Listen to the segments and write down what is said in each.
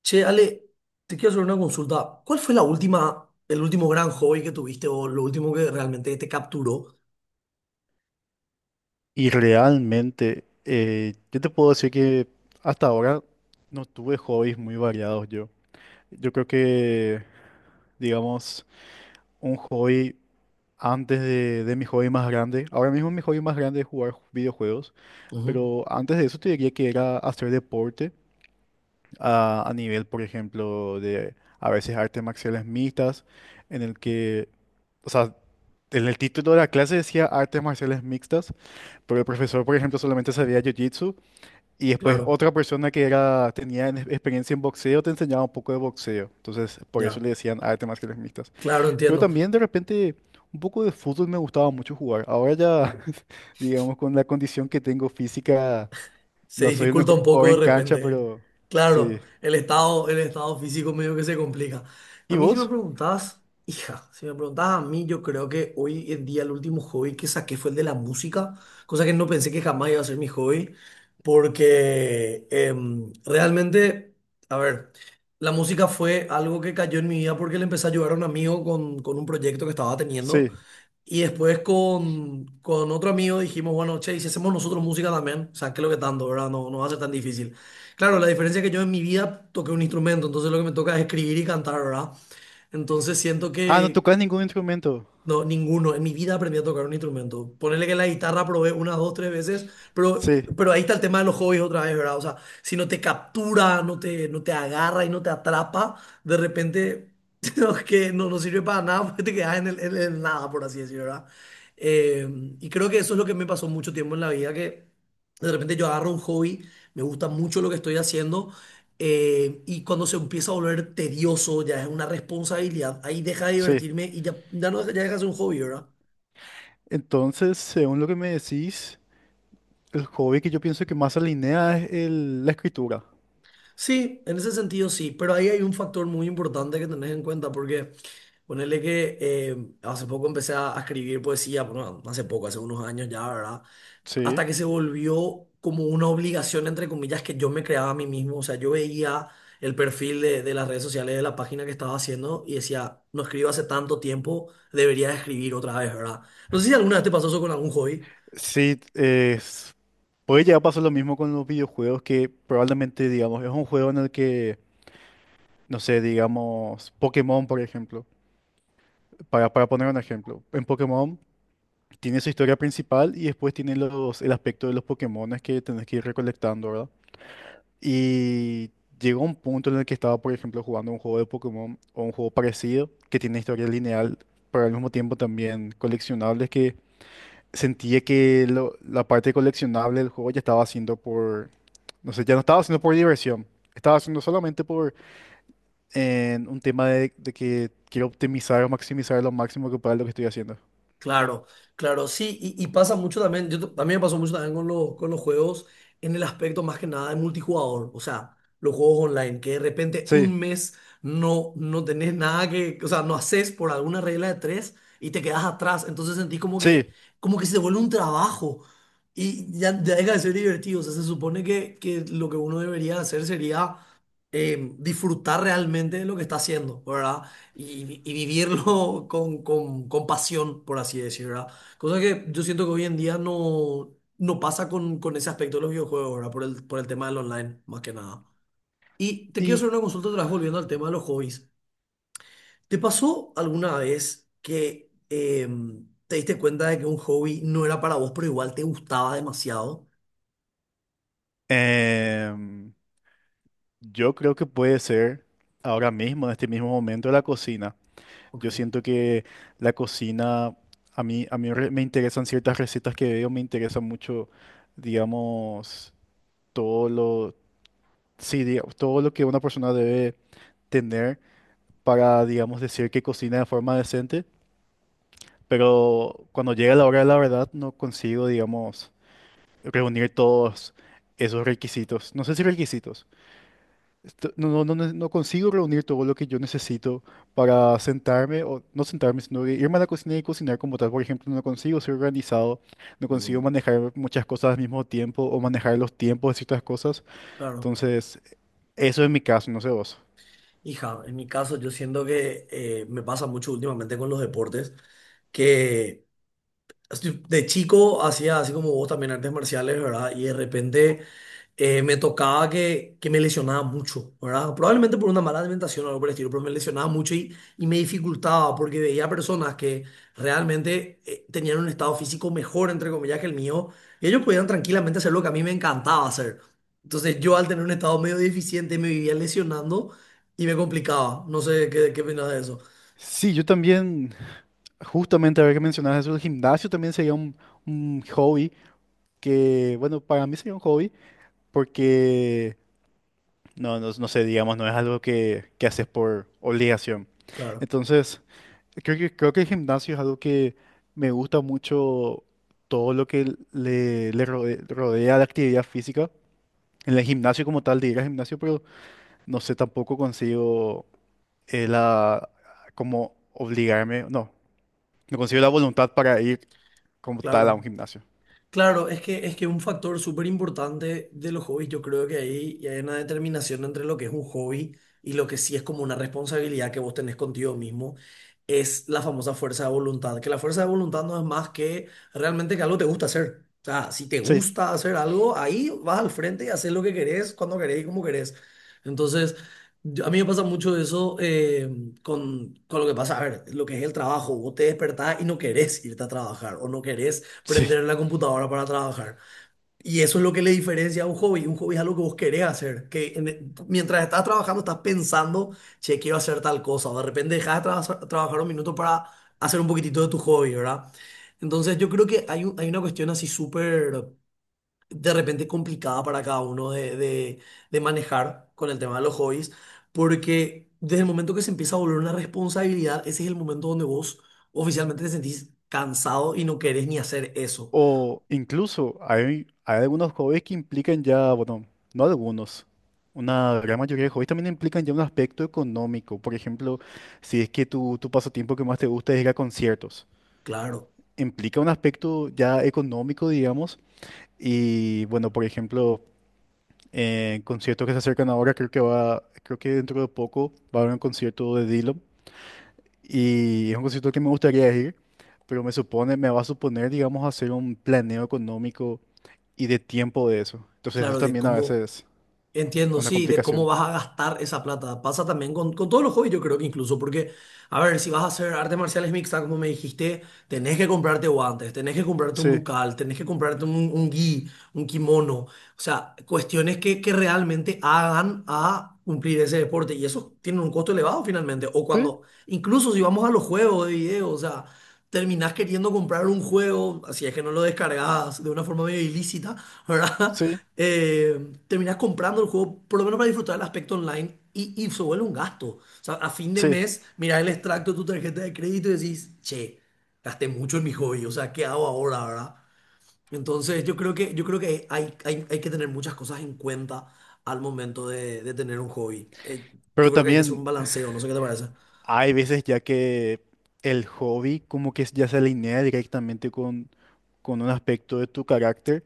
Che, Ale, te quiero hacer una consulta. ¿Cuál fue la última, el último gran hobby que tuviste o lo último que realmente te capturó? Y realmente, yo te puedo decir que hasta ahora no tuve hobbies muy variados yo. Yo creo que, digamos, un hobby antes de mi hobby más grande, ahora mismo mi hobby más grande es jugar videojuegos, Ujú, pero antes de eso te diría que era hacer deporte a nivel, por ejemplo, de a veces artes marciales mixtas, en el que, o sea, en el título de la clase decía artes marciales mixtas, pero el profesor, por ejemplo, solamente sabía jiu-jitsu. Y después claro, otra persona que era, tenía experiencia en boxeo te enseñaba un poco de boxeo. Entonces, por eso ya, le decían artes marciales mixtas. claro, Pero entiendo. también de repente un poco de fútbol me gustaba mucho jugar. Ahora ya, digamos, con la condición que tengo física, Se no soy el dificulta mejor un jugador poco de en cancha, repente. pero sí. Claro, el estado físico medio que se complica. A ¿Y mí si me vos? preguntás, hija, si me preguntás a mí, yo creo que hoy en día el último hobby que saqué fue el de la música, cosa que no pensé que jamás iba a ser mi hobby, porque realmente, a ver, la música fue algo que cayó en mi vida porque le empecé a ayudar a un amigo con un proyecto que estaba teniendo. Sí. Y después con otro amigo dijimos, bueno, che, ¿y si hacemos nosotros música también? O sea, ¿qué es lo que tanto, verdad? No va a ser tan difícil. Claro, la diferencia es que yo en mi vida toqué un instrumento, entonces lo que me toca es escribir y cantar, ¿verdad? Entonces siento Ah, no que, tocas ningún instrumento. no, ninguno. En mi vida aprendí a tocar un instrumento. Ponerle que la guitarra probé unas dos, tres veces, pero, Sí, pero ahí está el tema de los hobbies otra vez, ¿verdad? O sea, si no te captura, no te agarra y no te atrapa, de repente no, que no, no sirve para nada porque te quedas en en el nada, por así decirlo, ¿verdad? Eh, y creo que eso es lo que me pasó mucho tiempo en la vida, que de repente yo agarro un hobby, me gusta mucho lo que estoy haciendo y cuando se empieza a volver tedioso, ya es una responsabilidad, ahí deja de sí. divertirme y ya, ya no deja, ya deja de ser un hobby, ¿verdad? Entonces, según lo que me decís, el hobby que yo pienso que más alinea es la escritura. Sí, en ese sentido sí, pero ahí hay un factor muy importante que tenés en cuenta porque ponerle que hace poco empecé a escribir poesía, bueno, hace poco, hace unos años ya, ¿verdad? Sí. Hasta que se volvió como una obligación, entre comillas, que yo me creaba a mí mismo. O sea, yo veía el perfil de las redes sociales, de la página que estaba haciendo y decía, no escribo hace tanto tiempo, debería escribir otra vez, ¿verdad? No sé si alguna vez te pasó eso con algún hobby. Sí, es- Puede llegar a pasar lo mismo con los videojuegos que probablemente, digamos, es un juego en el que, no sé, digamos, Pokémon, por ejemplo, para poner un ejemplo, en Pokémon tiene su historia principal y después tiene los, el aspecto de los Pokémones que tenés que ir recolectando, ¿verdad? Y llegó un punto en el que estaba, por ejemplo, jugando un juego de Pokémon o un juego parecido que tiene historia lineal, pero al mismo tiempo también coleccionables que sentía que la parte coleccionable del juego ya estaba haciendo. No sé, ya no estaba haciendo por diversión. Estaba haciendo solamente por un tema de que quiero optimizar o maximizar lo máximo que pueda lo que estoy haciendo. Claro, claro, sí, y pasa mucho también, yo, también me pasó mucho también con los juegos en el aspecto más que nada de multijugador, o sea, los juegos online, que de repente un Sí, mes no tenés nada que, o sea, no haces por alguna regla de tres y te quedas atrás, entonces sentís sí. como que se te vuelve un trabajo y ya deja de ser divertido, o sea, se supone que lo que uno debería hacer sería disfrutar realmente de lo que está haciendo, ¿verdad? Y, y vivirlo con pasión, por así decirlo, ¿verdad? Cosa que yo siento que hoy en día no, no pasa con ese aspecto de los videojuegos, ¿verdad? Por el tema del online, más que nada. Y te quiero Y hacer una consulta otra vez volviendo al tema de los hobbies. ¿Te pasó alguna vez que te diste cuenta de que un hobby no era para vos, pero igual te gustaba demasiado? em, yo creo que puede ser ahora mismo, en este mismo momento, la cocina. Ok. Yo siento que la cocina, me interesan ciertas recetas que veo, me interesa mucho, digamos, todo lo, sí, todo lo que una persona debe tener para, digamos, decir que cocina de forma decente, pero cuando llega la hora de la verdad no consigo, digamos, reunir todos esos requisitos. No sé si requisitos. No consigo reunir todo lo que yo necesito para sentarme, o no sentarme, sino de irme a la cocina y cocinar como tal. Por ejemplo, no consigo ser organizado, no consigo Mm, manejar muchas cosas al mismo tiempo o manejar los tiempos de ciertas cosas. claro. Entonces, eso es mi caso, no sé vos. Hija, en mi caso yo siento que me pasa mucho últimamente con los deportes que así, de chico hacía así como vos también artes marciales, ¿verdad? Y de repente me tocaba que me lesionaba mucho, ¿verdad? Probablemente por una mala alimentación o algo por el estilo, pero me lesionaba mucho y me dificultaba porque veía personas que realmente tenían un estado físico mejor, entre comillas, que el mío, y ellos podían tranquilamente hacer lo que a mí me encantaba hacer. Entonces yo al tener un estado medio deficiente me vivía lesionando y me complicaba. No sé qué, qué opinas de eso. Sí, yo también. Justamente, a ver que mencionas eso, el gimnasio también sería un hobby que, bueno, para mí sería un hobby porque, no, no sé, digamos, no es algo que haces por obligación. Claro, Entonces, creo que el gimnasio es algo que me gusta mucho todo lo que le rodea, la actividad física. En el gimnasio como tal, de ir al gimnasio, pero no sé, tampoco consigo la, como obligarme, no, no consigo la voluntad para ir como tal a un claro. gimnasio. Claro, es que un factor súper importante de los hobbies, yo creo que ahí ya hay una determinación entre lo que es un hobby y lo que sí es como una responsabilidad que vos tenés contigo mismo, es la famosa fuerza de voluntad, que la fuerza de voluntad no es más que realmente que algo te gusta hacer. O sea, si te Sí. gusta hacer algo, ahí vas al frente y haces lo que querés, cuando querés y como querés. Entonces, a mí me pasa mucho eso con lo que pasa, a ver, lo que es el trabajo, vos te despertás y no querés irte a trabajar o no querés Sí. prender la computadora para trabajar. Y eso es lo que le diferencia a un hobby. Un hobby es algo que vos querés hacer, que mientras estás trabajando estás pensando, che, quiero hacer tal cosa. De repente dejas de trabajar un minuto para hacer un poquitito de tu hobby, ¿verdad? Entonces yo creo que hay una cuestión así súper, de repente complicada para cada uno de manejar con el tema de los hobbies, porque desde el momento que se empieza a volver una responsabilidad, ese es el momento donde vos oficialmente te sentís cansado y no querés ni hacer eso. O incluso hay, hay algunos hobbies que implican ya, bueno, no algunos, una gran mayoría de hobbies también implican ya un aspecto económico. Por ejemplo, si es que tu pasatiempo que más te gusta es ir a conciertos, Claro, implica un aspecto ya económico, digamos. Y bueno, por ejemplo, en conciertos que se acercan ahora, creo que va, creo que dentro de poco va a haber un concierto de Dylan. Y es un concierto que me gustaría ir, pero me supone, me va a suponer, digamos, hacer un planeo económico y de tiempo de eso. Entonces eso claro, de también a cómo, veces es entiendo, una sí, de cómo complicación. vas a gastar esa plata. Pasa también con todos los hobbies, yo creo que incluso, porque, a ver, si vas a hacer artes marciales mixtas, como me dijiste, tenés que comprarte guantes, tenés que comprarte un Sí, bucal, tenés que comprarte un gi, un kimono, o sea, cuestiones que realmente hagan a cumplir ese deporte. Y eso tiene un costo elevado finalmente. O sí, cuando, incluso si vamos a los juegos de video, o sea... terminás queriendo comprar un juego, así es que no lo descargas de una forma medio ilícita, ¿verdad? sí, Terminás comprando el juego, por lo menos para disfrutar el aspecto online, y se vuelve un gasto. O sea, a fin de sí. mes, mirás el extracto de tu tarjeta de crédito y decís, che, gasté mucho en mi hobby, o sea, ¿qué hago ahora, verdad? Entonces, yo creo que hay que tener muchas cosas en cuenta al momento de tener un hobby. Yo Pero creo que hay que hacer un también balanceo, no sé qué te parece. hay veces ya que el hobby como que ya se alinea directamente con un aspecto de tu carácter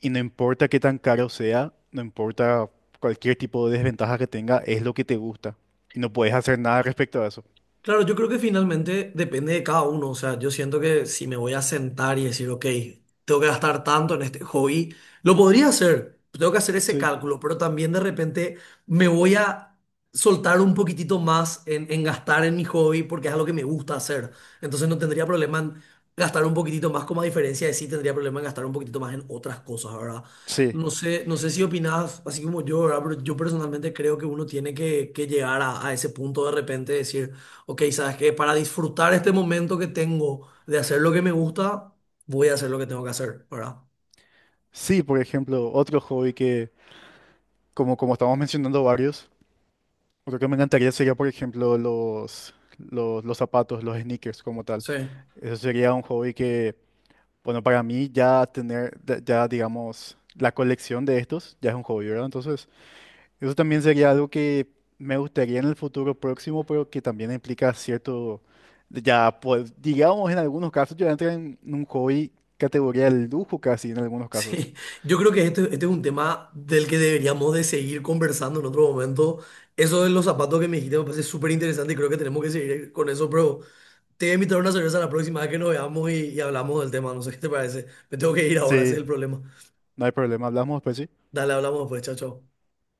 y no importa qué tan caro sea, no importa cualquier tipo de desventaja que tenga, es lo que te gusta y no puedes hacer nada respecto a eso. Claro, yo creo que finalmente depende de cada uno. O sea, yo siento que si me voy a sentar y decir, ok, tengo que gastar tanto en este hobby, lo podría hacer. Tengo que hacer ese Sí, cálculo, pero también de repente me voy a soltar un poquitito más en gastar en mi hobby porque es algo que me gusta hacer. Entonces no tendría problema en gastar un poquitito más, como a diferencia de sí tendría problema en gastar un poquitito más en otras cosas, ¿verdad? sí. No sé, no sé si opinas así como yo, ¿verdad? Pero yo personalmente creo que uno tiene que llegar a ese punto de repente de decir. Ok, sabes que para disfrutar este momento que tengo de hacer lo que me gusta, voy a hacer lo que tengo que hacer, ¿verdad? Sí, por ejemplo, otro hobby que, como, como estamos mencionando varios, otro que me encantaría sería, por ejemplo, los zapatos, los sneakers como tal. Sí. Eso sería un hobby que, bueno, para mí ya tener, ya digamos, la colección de estos ya es un hobby, ¿verdad? Entonces, eso también sería algo que me gustaría en el futuro próximo, pero que también implica cierto, ya, pues, digamos, en algunos casos ya entra en un hobby categoría de lujo casi, en algunos casos. Sí, yo creo que este es un tema del que deberíamos de seguir conversando en otro momento. Eso de los zapatos que me dijiste me parece súper interesante y creo que tenemos que seguir con eso, pero te voy a invitar a una cerveza la próxima vez que nos veamos y hablamos del tema. No sé qué te parece. Me tengo que ir ahora, ese Sí, es el problema. no hay problema, hablamos después, ¿sí? Dale, hablamos después, chao, chao.